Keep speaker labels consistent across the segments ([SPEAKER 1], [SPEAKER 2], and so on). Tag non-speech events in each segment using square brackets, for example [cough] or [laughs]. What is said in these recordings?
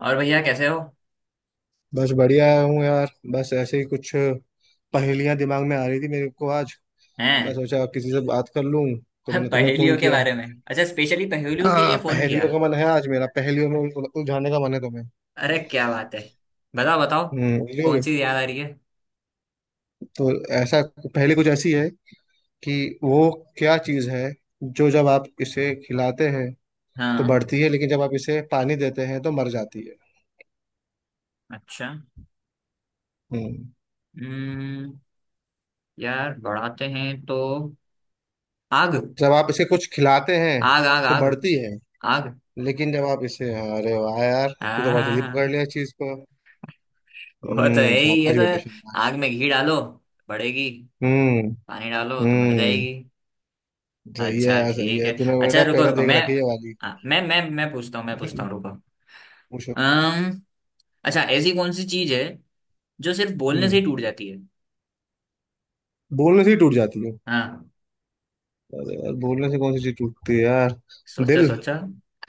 [SPEAKER 1] और भैया कैसे हो?
[SPEAKER 2] बस बढ़िया हूँ यार। बस ऐसे ही कुछ पहेलियां दिमाग में आ रही थी मेरे को आज। मैं
[SPEAKER 1] हैं?
[SPEAKER 2] सोचा किसी से बात कर लूँ, तो मैंने
[SPEAKER 1] [laughs]
[SPEAKER 2] तुम्हें
[SPEAKER 1] पहेलियों
[SPEAKER 2] फोन
[SPEAKER 1] के
[SPEAKER 2] किया।
[SPEAKER 1] बारे में? अच्छा, स्पेशली पहेलियों के लिए
[SPEAKER 2] हाँ,
[SPEAKER 1] फोन किया?
[SPEAKER 2] पहेलियों का मन है आज मेरा, पहेलियों में उलझाने का मन है तुम्हें।
[SPEAKER 1] अरे क्या बात है! बताओ बताओ।
[SPEAKER 2] हम्म,
[SPEAKER 1] कौन
[SPEAKER 2] उलझोगे?
[SPEAKER 1] सी याद आ रही है?
[SPEAKER 2] तो ऐसा, पहेली कुछ ऐसी है कि वो, क्या चीज़ है जो जब आप इसे खिलाते हैं तो
[SPEAKER 1] हाँ।
[SPEAKER 2] बढ़ती है, लेकिन जब आप इसे पानी देते हैं तो मर जाती है।
[SPEAKER 1] अच्छा।
[SPEAKER 2] हम्म।
[SPEAKER 1] हम्म। यार बढ़ाते हैं तो आग।
[SPEAKER 2] जब आप इसे कुछ खिलाते हैं
[SPEAKER 1] आग आग
[SPEAKER 2] तो
[SPEAKER 1] आग
[SPEAKER 2] बढ़ती है,
[SPEAKER 1] आग।
[SPEAKER 2] लेकिन जब आप इसे, अरे वाह यार। तू तो
[SPEAKER 1] हाँ
[SPEAKER 2] बहुत
[SPEAKER 1] हाँ,
[SPEAKER 2] जल्दी पकड़
[SPEAKER 1] हाँ।
[SPEAKER 2] लिया इस चीज को।
[SPEAKER 1] वो तो है
[SPEAKER 2] हम्म,
[SPEAKER 1] ही, ये
[SPEAKER 2] शाबाश
[SPEAKER 1] तो।
[SPEAKER 2] बेटे शाबाश।
[SPEAKER 1] आग में घी डालो, बढ़ेगी।
[SPEAKER 2] हम्म।
[SPEAKER 1] पानी डालो तो मर
[SPEAKER 2] हम्म।
[SPEAKER 1] जाएगी।
[SPEAKER 2] सही है,
[SPEAKER 1] अच्छा
[SPEAKER 2] सही
[SPEAKER 1] ठीक
[SPEAKER 2] है,
[SPEAKER 1] है।
[SPEAKER 2] तूने
[SPEAKER 1] अच्छा,
[SPEAKER 2] बेटा
[SPEAKER 1] रुको
[SPEAKER 2] पहले
[SPEAKER 1] रुको,
[SPEAKER 2] देख
[SPEAKER 1] मैं।
[SPEAKER 2] रखी है वाली।
[SPEAKER 1] हाँ, मैं पूछता हूँ, रुको।
[SPEAKER 2] [laughs] पूछो।
[SPEAKER 1] अम्म अच्छा, ऐसी कौन सी चीज है जो सिर्फ बोलने
[SPEAKER 2] हम्म,
[SPEAKER 1] से ही टूट जाती है?
[SPEAKER 2] बोलने से ही टूट जाती है?
[SPEAKER 1] हाँ।
[SPEAKER 2] अरे यार, बोलने से कौन सी चीज टूटती है यार?
[SPEAKER 1] सोचा
[SPEAKER 2] दिल।
[SPEAKER 1] सोचा।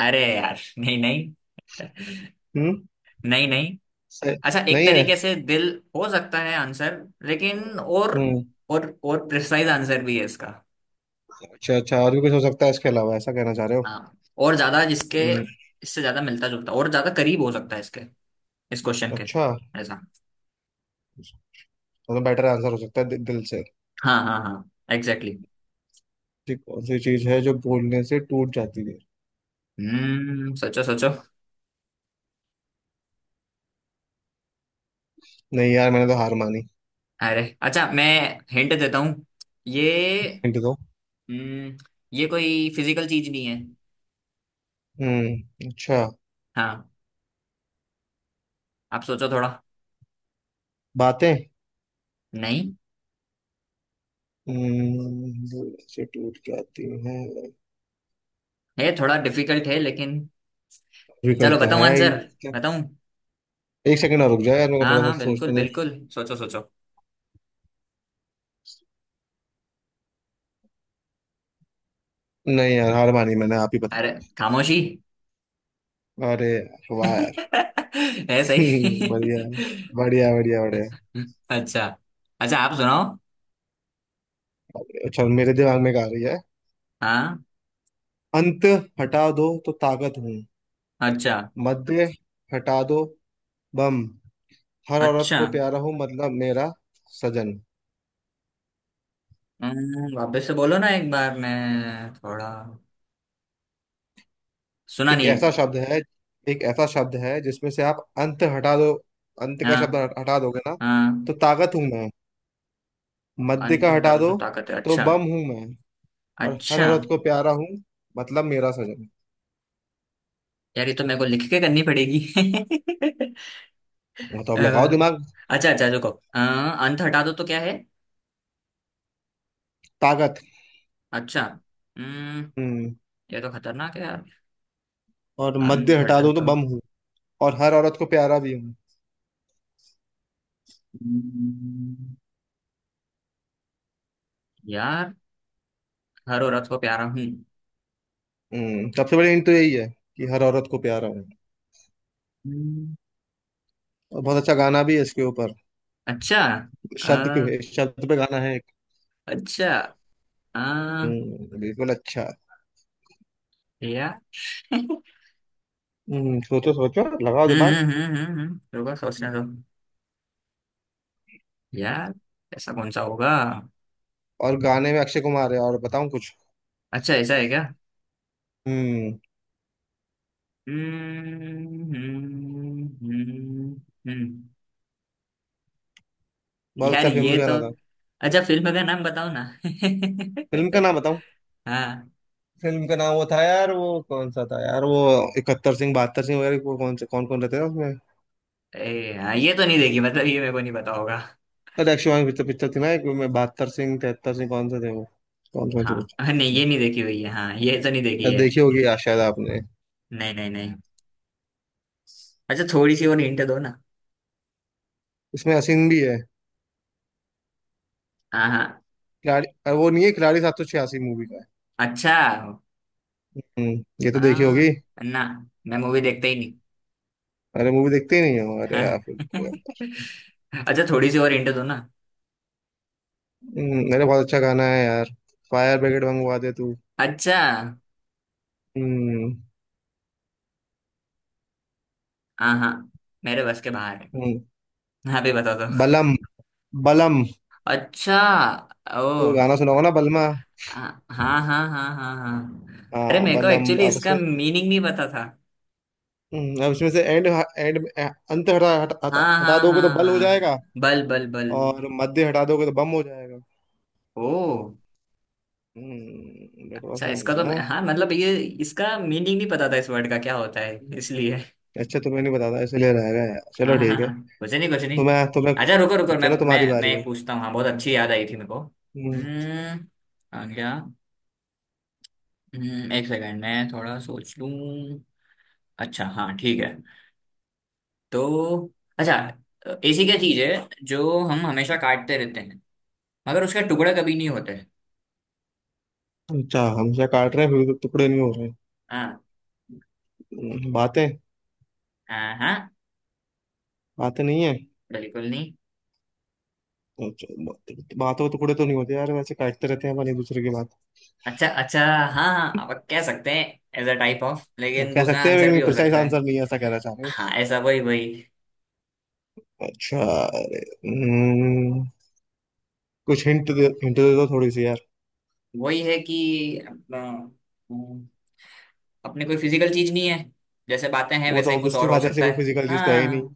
[SPEAKER 1] अरे यार, नहीं नहीं। [laughs]
[SPEAKER 2] हम्म।
[SPEAKER 1] नहीं नहीं।
[SPEAKER 2] सही।
[SPEAKER 1] अच्छा, एक
[SPEAKER 2] नहीं है।
[SPEAKER 1] तरीके से दिल हो सकता है आंसर, लेकिन और
[SPEAKER 2] हम्म।
[SPEAKER 1] और और प्रिसाइज आंसर भी है इसका।
[SPEAKER 2] अच्छा, अच्छा, और भी कुछ हो सकता है इसके अलावा, ऐसा कहना चाह रहे हो।
[SPEAKER 1] हाँ, और ज्यादा जिसके,
[SPEAKER 2] हम्म।
[SPEAKER 1] इससे ज्यादा मिलता जुलता, और ज्यादा करीब हो सकता है इसके, इस क्वेश्चन के।
[SPEAKER 2] अच्छा,
[SPEAKER 1] ऐसा।
[SPEAKER 2] मतलब बेटर आंसर हो सकता है दिल से।
[SPEAKER 1] हाँ हाँ हाँ, एग्जैक्टली।
[SPEAKER 2] ठीक, कौन सी चीज है जो बोलने से टूट जाती है?
[SPEAKER 1] हम्म, सोचो सोचो।
[SPEAKER 2] नहीं यार, मैंने तो हार मानी।
[SPEAKER 1] अरे, अच्छा, मैं हिंट देता हूँ। ये
[SPEAKER 2] हिंट दो।
[SPEAKER 1] हम्म ये कोई फिजिकल चीज नहीं है।
[SPEAKER 2] हम्म, अच्छा।
[SPEAKER 1] हाँ, आप सोचो थोड़ा।
[SPEAKER 2] बातें?
[SPEAKER 1] नहीं
[SPEAKER 2] इंस्टीट्यूट क्या आती है।
[SPEAKER 1] है। थोड़ा डिफिकल्ट है, लेकिन चलो
[SPEAKER 2] डिफिकल्ट तो
[SPEAKER 1] बताऊँ
[SPEAKER 2] है ही।
[SPEAKER 1] आंसर?
[SPEAKER 2] क्या?
[SPEAKER 1] बताऊँ?
[SPEAKER 2] एक सेकंड और रुक जाओ यार, मेरे को
[SPEAKER 1] हाँ
[SPEAKER 2] थोड़ा
[SPEAKER 1] हाँ,
[SPEAKER 2] सा
[SPEAKER 1] बिल्कुल
[SPEAKER 2] सोचने दे।
[SPEAKER 1] बिल्कुल, सोचो सोचो।
[SPEAKER 2] नहीं यार, हार मानी मैंने, आप ही बता।
[SPEAKER 1] अरे, खामोशी।
[SPEAKER 2] अरे वाह यार।
[SPEAKER 1] [laughs] है सही।
[SPEAKER 2] [laughs] बढ़िया। बढ़िया बढ़िया बढ़िया।
[SPEAKER 1] अच्छा अच्छा, आप सुनाओ।
[SPEAKER 2] अच्छा, मेरे दिमाग में क्या आ रही है।
[SPEAKER 1] हाँ।
[SPEAKER 2] अंत हटा दो तो ताकत हूँ।
[SPEAKER 1] अच्छा।
[SPEAKER 2] मध्य हटा दो, बम। हर औरत
[SPEAKER 1] अच्छा,
[SPEAKER 2] को प्यारा हूँ, मतलब मेरा सजन।
[SPEAKER 1] वापस से बोलो ना एक बार, मैं थोड़ा सुना
[SPEAKER 2] एक
[SPEAKER 1] नहीं है।
[SPEAKER 2] ऐसा शब्द है, एक ऐसा शब्द है जिसमें से आप अंत हटा दो। अंत का शब्द
[SPEAKER 1] हाँ
[SPEAKER 2] हटा दोगे ना, तो
[SPEAKER 1] हाँ,
[SPEAKER 2] ताकत हूं मैं। मध्य
[SPEAKER 1] अंत
[SPEAKER 2] का
[SPEAKER 1] हटा
[SPEAKER 2] हटा
[SPEAKER 1] दो
[SPEAKER 2] दो
[SPEAKER 1] तो ताकत है,
[SPEAKER 2] तो
[SPEAKER 1] अच्छा।
[SPEAKER 2] बम हूं मैं। और हर
[SPEAKER 1] अच्छा,
[SPEAKER 2] औरत को प्यारा हूं, मतलब मेरा सजन।
[SPEAKER 1] यार ये तो मेरे को लिख के करनी पड़ेगी। [laughs]
[SPEAKER 2] वो तो,
[SPEAKER 1] अ,
[SPEAKER 2] अब लगाओ दिमाग।
[SPEAKER 1] अच्छा अच्छा, रुको। अंत हटा दो तो क्या है?
[SPEAKER 2] ताकत।
[SPEAKER 1] अच्छा। हम्म
[SPEAKER 2] हम्म।
[SPEAKER 1] ये तो खतरनाक है यार।
[SPEAKER 2] और मध्य
[SPEAKER 1] अंत
[SPEAKER 2] हटा
[SPEAKER 1] हटा
[SPEAKER 2] दो तो
[SPEAKER 1] दो।
[SPEAKER 2] बम हूं। और हर औरत को प्यारा भी हूं।
[SPEAKER 1] हम्म, यार, हर औरत को प्यारा हूँ।
[SPEAKER 2] हम्म, सबसे बड़ी हिंट तो यही है कि हर औरत को प्यारा हूं।
[SPEAKER 1] हम्म,
[SPEAKER 2] और बहुत अच्छा गाना भी है इसके ऊपर।
[SPEAKER 1] अच्छा। अ,
[SPEAKER 2] शब्द के शब्द पे गाना है एक।
[SPEAKER 1] अच्छा। अ,
[SPEAKER 2] हम्म, बिल्कुल। अच्छा।
[SPEAKER 1] यार। [laughs] हम्म
[SPEAKER 2] हम्म, सोचो सोचो, लगाओ दिमाग।
[SPEAKER 1] रुको, सोचने दो। यार, ऐसा कौन सा होगा?
[SPEAKER 2] और गाने में अक्षय कुमार है, और बताऊं कुछ?
[SPEAKER 1] अच्छा, ऐसा है क्या?
[SPEAKER 2] हम्म।
[SPEAKER 1] हम्म हम्म, हम्म, हम्म।
[SPEAKER 2] बहुत
[SPEAKER 1] यार
[SPEAKER 2] अच्छा
[SPEAKER 1] ये
[SPEAKER 2] फेमस
[SPEAKER 1] तो,
[SPEAKER 2] गाना था।
[SPEAKER 1] अच्छा फिल्म का नाम बताओ ना। [laughs]
[SPEAKER 2] फिल्म का नाम बताऊं?
[SPEAKER 1] हाँ।
[SPEAKER 2] फिल्म का नाम वो था यार, वो कौन सा था यार, वो इकहत्तर सिंह बहत्तर सिंह वगैरह, वो कौन से कौन कौन रहते थे उसमें।
[SPEAKER 1] हाँ, ये तो नहीं देखी, मतलब ये मेरे को नहीं पता होगा।
[SPEAKER 2] अरे अक्षय कुमार की पिक्चर पिक्चर थी ना, एक में बहत्तर सिंह तिहत्तर सिंह, कौन से थे वो? कौन कौन से
[SPEAKER 1] हाँ नहीं,
[SPEAKER 2] पिक्चर थी।
[SPEAKER 1] ये नहीं देखी हुई है, हाँ ये तो नहीं देखी
[SPEAKER 2] अरे
[SPEAKER 1] है।
[SPEAKER 2] देखी होगी यार, शायद आपने।
[SPEAKER 1] नहीं नहीं नहीं। अच्छा, थोड़ी सी और हिंट दो ना।
[SPEAKER 2] इसमें हसीन भी है।
[SPEAKER 1] हाँ हाँ।
[SPEAKER 2] खिलाड़ी। अरे वो नहीं है, खिलाड़ी 786 मूवी का है।
[SPEAKER 1] अच्छा।
[SPEAKER 2] हम्म, ये तो देखी होगी।
[SPEAKER 1] हाँ, ना, मैं मूवी देखता ही नहीं।
[SPEAKER 2] अरे मूवी देखते ही नहीं हो? अरे
[SPEAKER 1] हाँ।
[SPEAKER 2] यार फिर तो-
[SPEAKER 1] [laughs] अच्छा, थोड़ी सी और हिंट दो ना।
[SPEAKER 2] अरे बहुत अच्छा गाना है यार। फायर ब्रिगेड मंगवा दे तू।
[SPEAKER 1] अच्छा।
[SPEAKER 2] हम्म।
[SPEAKER 1] हाँ हाँ, मेरे बस के बाहर है।
[SPEAKER 2] हम्म,
[SPEAKER 1] हाँ भी बता दो।
[SPEAKER 2] बलम। बलम।
[SPEAKER 1] अच्छा। ओ।
[SPEAKER 2] वो गाना सुना होगा ना, बलमा।
[SPEAKER 1] हाँ हाँ हाँ हाँ हाँ हाँ। अरे
[SPEAKER 2] हाँ,
[SPEAKER 1] मेरे को
[SPEAKER 2] बलम।
[SPEAKER 1] एक्चुअली
[SPEAKER 2] अब
[SPEAKER 1] इसका
[SPEAKER 2] उसमें,
[SPEAKER 1] मीनिंग नहीं पता था।
[SPEAKER 2] अब इसमें से एंड एंड अंत हटा हटा हटा
[SPEAKER 1] हाँ
[SPEAKER 2] हटा
[SPEAKER 1] हाँ
[SPEAKER 2] दोगे
[SPEAKER 1] हाँ
[SPEAKER 2] तो बल हो
[SPEAKER 1] हाँ।
[SPEAKER 2] जाएगा।
[SPEAKER 1] बल बल बल।
[SPEAKER 2] और मध्य हटा दोगे तो बम हो जाएगा।
[SPEAKER 1] ओ।
[SPEAKER 2] हम्म, दैट वाज
[SPEAKER 1] अच्छा, इसका
[SPEAKER 2] नाइस
[SPEAKER 1] तो
[SPEAKER 2] है।
[SPEAKER 1] हाँ, मतलब ये, इसका मीनिंग नहीं पता था, इस वर्ड का क्या होता है, इसलिए।
[SPEAKER 2] अच्छा, तुम्हें नहीं बताता इसलिए रह गया यार,
[SPEAKER 1] हाँ
[SPEAKER 2] चलो
[SPEAKER 1] हाँ
[SPEAKER 2] ठीक है।
[SPEAKER 1] हाँ। कुछ नहीं कुछ नहीं।
[SPEAKER 2] तुम्हें तुम्हें
[SPEAKER 1] अच्छा, रुको रुको, मैं
[SPEAKER 2] चलो,
[SPEAKER 1] मैं
[SPEAKER 2] तुम्हारी
[SPEAKER 1] मैं
[SPEAKER 2] बारी है।
[SPEAKER 1] एक पूछता हूँ। हाँ, बहुत
[SPEAKER 2] हम्म।
[SPEAKER 1] अच्छी याद आई थी मेरे को।
[SPEAKER 2] हम्म।
[SPEAKER 1] हम्म आ गया। एक सेकंड, मैं थोड़ा सोच लूँ। अच्छा, हाँ ठीक है, तो। अच्छा, ऐसी क्या चीज है जो हम हमेशा काटते रहते हैं, मगर उसका टुकड़ा कभी नहीं होता है?
[SPEAKER 2] अच्छा, हमसे काट रहे हैं फिर भी तो टुकड़े नहीं हो रहे।
[SPEAKER 1] हाँ
[SPEAKER 2] बातें?
[SPEAKER 1] हाँ हाँ।
[SPEAKER 2] बातें नहीं है।
[SPEAKER 1] बिल्कुल नहीं।
[SPEAKER 2] अच्छा, बातों के टुकड़े तो नहीं होते यार वैसे, काटते रहते हैं अपन एक दूसरे की बात।
[SPEAKER 1] अच्छा अच्छा, हाँ हाँ, आप कह सकते हैं एज अ टाइप ऑफ, लेकिन
[SPEAKER 2] कह
[SPEAKER 1] दूसरा
[SPEAKER 2] सकते हैं,
[SPEAKER 1] आंसर भी
[SPEAKER 2] लेकिन
[SPEAKER 1] हो
[SPEAKER 2] प्रिसाइज
[SPEAKER 1] सकता है।
[SPEAKER 2] आंसर नहीं है, ऐसा कहना चाह रहे हो।
[SPEAKER 1] हाँ, ऐसा, वही वही।
[SPEAKER 2] अच्छा। अरे, हम्म, कुछ हिंट दे दो थोड़ी सी यार।
[SPEAKER 1] वही है कि अपना, अपने कोई फिजिकल चीज नहीं है, जैसे बातें हैं
[SPEAKER 2] वो
[SPEAKER 1] वैसा
[SPEAKER 2] तो
[SPEAKER 1] ही कुछ
[SPEAKER 2] ऑब्वियसली
[SPEAKER 1] और हो
[SPEAKER 2] बात है, ऐसे
[SPEAKER 1] सकता
[SPEAKER 2] कोई
[SPEAKER 1] है।
[SPEAKER 2] फिजिकल चीज तो है ही नहीं।
[SPEAKER 1] हाँ,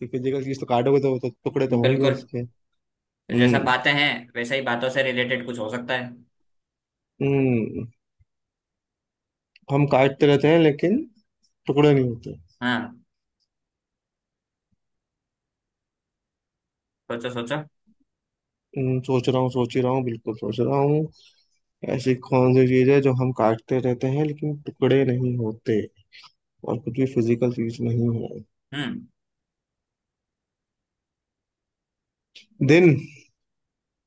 [SPEAKER 2] तो फिजिकल चीज तो काटोगे तो वो तो टुकड़े तो होंगे
[SPEAKER 1] बिल्कुल।
[SPEAKER 2] उसके।
[SPEAKER 1] जैसा
[SPEAKER 2] हम्म।
[SPEAKER 1] बातें हैं, वैसा ही बातों से रिलेटेड कुछ हो सकता है।
[SPEAKER 2] हम्म, हम काटते रहते हैं लेकिन टुकड़े नहीं होते।
[SPEAKER 1] हाँ, सोचो सोचो।
[SPEAKER 2] सोच रहा हूँ, सोच ही रहा हूँ, बिल्कुल सोच रहा हूँ। ऐसी कौन सी चीज है जो हम काटते रहते हैं लेकिन टुकड़े नहीं होते, और कुछ भी फिजिकल चीज नहीं है?
[SPEAKER 1] हम्म।
[SPEAKER 2] दिन।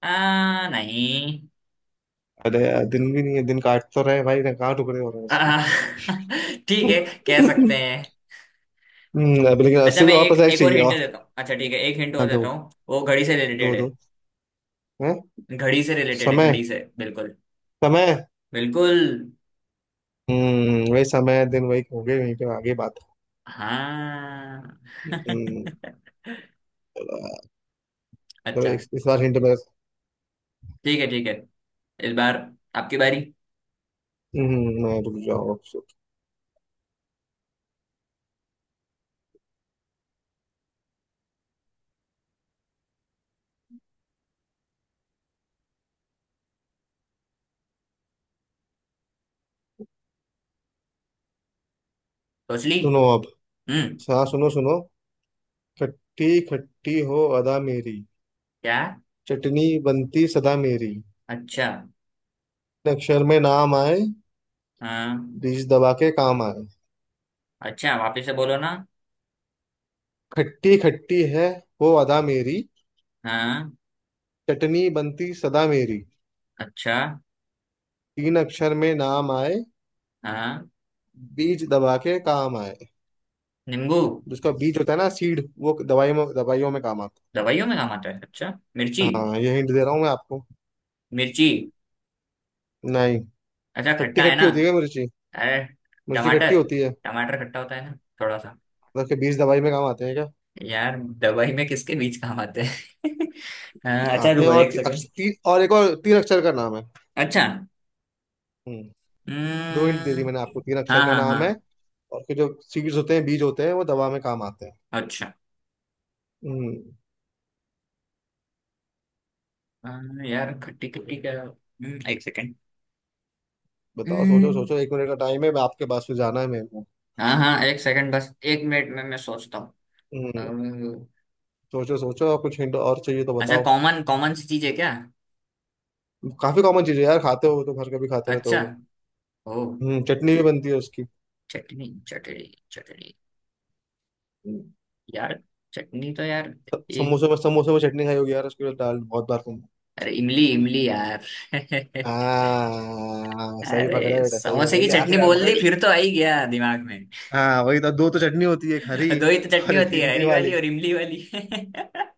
[SPEAKER 1] नहीं।
[SPEAKER 2] अरे यार, दिन भी नहीं है, दिन काट तो रहे हैं भाई ना, कहाँ टुकड़े हो रहे हैं
[SPEAKER 1] आ,
[SPEAKER 2] उसके।
[SPEAKER 1] [laughs] ठीक है,
[SPEAKER 2] [laughs]
[SPEAKER 1] कह सकते हैं।
[SPEAKER 2] अब लेकिन
[SPEAKER 1] अच्छा,
[SPEAKER 2] उससे भी
[SPEAKER 1] मैं
[SPEAKER 2] और
[SPEAKER 1] एक
[SPEAKER 2] पrecise
[SPEAKER 1] एक और
[SPEAKER 2] चाहिए
[SPEAKER 1] हिंट
[SPEAKER 2] और।
[SPEAKER 1] देता हूँ, अच्छा ठीक है, एक हिंट और
[SPEAKER 2] हाँ
[SPEAKER 1] देता
[SPEAKER 2] दो।
[SPEAKER 1] हूँ, वो घड़ी से रिलेटेड
[SPEAKER 2] दो
[SPEAKER 1] है।
[SPEAKER 2] दो। हैं।
[SPEAKER 1] घड़ी से रिलेटेड है,
[SPEAKER 2] समय।
[SPEAKER 1] घड़ी से, बिल्कुल
[SPEAKER 2] समय।
[SPEAKER 1] बिल्कुल।
[SPEAKER 2] हम्म, वही समय दिन वही होंगे वहीं पे आगे बात।
[SPEAKER 1] हाँ।
[SPEAKER 2] हम्म।
[SPEAKER 1] [laughs]
[SPEAKER 2] चलो
[SPEAKER 1] अच्छा।
[SPEAKER 2] इस बार हिंट मेरे।
[SPEAKER 1] ठीक है ठीक है, इस बार आपकी बारी।
[SPEAKER 2] हम्म, मैं, रुक जाओ अब।
[SPEAKER 1] सोच ली।
[SPEAKER 2] सुनो अब।
[SPEAKER 1] हम्म।
[SPEAKER 2] हाँ सुनो सुनो। खट्टी खट्टी हो अदा मेरी।
[SPEAKER 1] क्या?
[SPEAKER 2] चटनी बनती सदा मेरी।
[SPEAKER 1] अच्छा,
[SPEAKER 2] अक्षर में नाम आए।
[SPEAKER 1] हाँ।
[SPEAKER 2] बीज दबा के काम आए।
[SPEAKER 1] अच्छा, वापिस से बोलो ना।
[SPEAKER 2] खट्टी खट्टी है, हो अदा मेरी।
[SPEAKER 1] हाँ।
[SPEAKER 2] चटनी बनती सदा मेरी।
[SPEAKER 1] अच्छा।
[SPEAKER 2] तीन अक्षर में नाम आए।
[SPEAKER 1] हाँ,
[SPEAKER 2] बीज दबा के काम आए।
[SPEAKER 1] नींबू?
[SPEAKER 2] जिसका बीज होता है ना, सीड, वो दवाई में, दवाइयों में काम आता है।
[SPEAKER 1] दवाइयों में काम आता है? अच्छा, मिर्ची।
[SPEAKER 2] हाँ, ये हिंट दे रहा हूँ मैं आपको।
[SPEAKER 1] मिर्ची।
[SPEAKER 2] नहीं।
[SPEAKER 1] अच्छा,
[SPEAKER 2] खट्टी
[SPEAKER 1] खट्टा है
[SPEAKER 2] खट्टी
[SPEAKER 1] ना?
[SPEAKER 2] होती है क्या मिर्ची?
[SPEAKER 1] अरे,
[SPEAKER 2] मिर्ची
[SPEAKER 1] टमाटर।
[SPEAKER 2] खट्टी होती है?
[SPEAKER 1] टमाटर खट्टा होता है ना, थोड़ा सा।
[SPEAKER 2] मतलब के बीज दवाई में काम आते हैं क्या?
[SPEAKER 1] यार, दवाई में किसके बीज काम आते हैं? [laughs] हाँ, अच्छा
[SPEAKER 2] आते हैं।
[SPEAKER 1] रुको
[SPEAKER 2] और
[SPEAKER 1] एक सेकंड।
[SPEAKER 2] और एक, और तीन अक्षर का नाम है।
[SPEAKER 1] अच्छा।
[SPEAKER 2] हम्म। दो हिंट दे दी
[SPEAKER 1] हम्म,
[SPEAKER 2] मैंने आपको, तीन अक्षर
[SPEAKER 1] हाँ
[SPEAKER 2] का
[SPEAKER 1] हाँ
[SPEAKER 2] नाम है।
[SPEAKER 1] हाँ।
[SPEAKER 2] और के जो सीड्स होते हैं, बीज होते हैं, वो दवा में काम आते हैं।
[SPEAKER 1] अच्छा।
[SPEAKER 2] हम्म।
[SPEAKER 1] हाँ, यार, खट्टी खट्टी क्या, एक सेकंड।
[SPEAKER 2] बताओ, सोचो
[SPEAKER 1] हम्म,
[SPEAKER 2] सोचो, एक मिनट का टाइम है, मैं आपके पास से जाना है मेरे को।
[SPEAKER 1] हाँ हाँ, एक सेकंड, बस एक मिनट में मैं सोचता हूँ।
[SPEAKER 2] हम्म,
[SPEAKER 1] अम्म,
[SPEAKER 2] सोचो सोचो, और कुछ हिंट और चाहिए तो
[SPEAKER 1] अच्छा,
[SPEAKER 2] बताओ।
[SPEAKER 1] कॉमन कॉमन सी चीज है क्या?
[SPEAKER 2] काफी कॉमन चीज है यार, खाते हो तो घर का भी खाते रहते
[SPEAKER 1] अच्छा।
[SPEAKER 2] होगे।
[SPEAKER 1] ओ।
[SPEAKER 2] हम्म, चटनी भी बनती है उसकी।
[SPEAKER 1] चटनी? चटनी? चटनी?
[SPEAKER 2] हम्म,
[SPEAKER 1] यार, चटनी तो यार।
[SPEAKER 2] समोसे में चटनी खाई होगी यार, उसके लिए दाल बहुत बार।
[SPEAKER 1] अरे, इमली! इमली यार! [laughs]
[SPEAKER 2] हाँ, सही पकड़े
[SPEAKER 1] अरे,
[SPEAKER 2] बेटा, सही
[SPEAKER 1] समोसे
[SPEAKER 2] पकड़
[SPEAKER 1] की
[SPEAKER 2] लिया,
[SPEAKER 1] चटनी
[SPEAKER 2] आखिर आप
[SPEAKER 1] बोल दी
[SPEAKER 2] पकड़
[SPEAKER 1] फिर तो
[SPEAKER 2] लिए।
[SPEAKER 1] आ ही गया दिमाग में।
[SPEAKER 2] हाँ, वही तो, दो तो चटनी होती है, एक हरी
[SPEAKER 1] [laughs] दो ही तो चटनी
[SPEAKER 2] और एक
[SPEAKER 1] होती है,
[SPEAKER 2] इमली
[SPEAKER 1] हरी वाली
[SPEAKER 2] वाली।
[SPEAKER 1] और इमली वाली।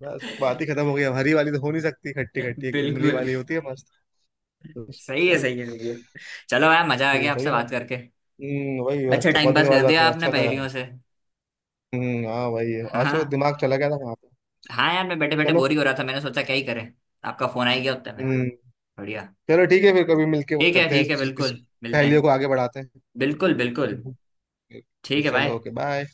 [SPEAKER 2] बस बात ही खत्म हो गई, अब हरी वाली तो हो नहीं सकती खट्टी
[SPEAKER 1] [laughs]
[SPEAKER 2] खट्टी, एक इमली
[SPEAKER 1] बिल्कुल।
[SPEAKER 2] वाली होती है मस्त।
[SPEAKER 1] सही है,
[SPEAKER 2] चल।
[SPEAKER 1] सही है, सही है। चलो यार, मजा आ
[SPEAKER 2] ठीक है,
[SPEAKER 1] गया
[SPEAKER 2] सही
[SPEAKER 1] आपसे
[SPEAKER 2] है ना।
[SPEAKER 1] बात करके।
[SPEAKER 2] वही।
[SPEAKER 1] अच्छा,
[SPEAKER 2] अच्छा,
[SPEAKER 1] टाइम
[SPEAKER 2] बहुत
[SPEAKER 1] पास
[SPEAKER 2] दिनों बाद
[SPEAKER 1] कर
[SPEAKER 2] बात
[SPEAKER 1] दिया
[SPEAKER 2] करा,
[SPEAKER 1] आपने
[SPEAKER 2] अच्छा लगा।
[SPEAKER 1] पहेलियों से।
[SPEAKER 2] हाँ वही है।
[SPEAKER 1] हाँ
[SPEAKER 2] आज वो
[SPEAKER 1] हाँ।
[SPEAKER 2] दिमाग चला गया था वहां पे।
[SPEAKER 1] हाँ यार, मैं बैठे बैठे
[SPEAKER 2] चलो।
[SPEAKER 1] बोर ही हो रहा था, मैंने सोचा क्या ही करें। आपका फोन आ ही गया उतने में।
[SPEAKER 2] हम्म।
[SPEAKER 1] बढ़िया।
[SPEAKER 2] चलो ठीक है, फिर कभी मिलके
[SPEAKER 1] ठीक है
[SPEAKER 2] करते हैं
[SPEAKER 1] ठीक है,
[SPEAKER 2] इस
[SPEAKER 1] बिल्कुल मिलते
[SPEAKER 2] पहेलियों
[SPEAKER 1] हैं।
[SPEAKER 2] को आगे बढ़ाते हैं।
[SPEAKER 1] बिल्कुल
[SPEAKER 2] [laughs]
[SPEAKER 1] बिल्कुल।
[SPEAKER 2] हम्म।
[SPEAKER 1] ठीक है,
[SPEAKER 2] चलो
[SPEAKER 1] बाय।
[SPEAKER 2] Okay bye.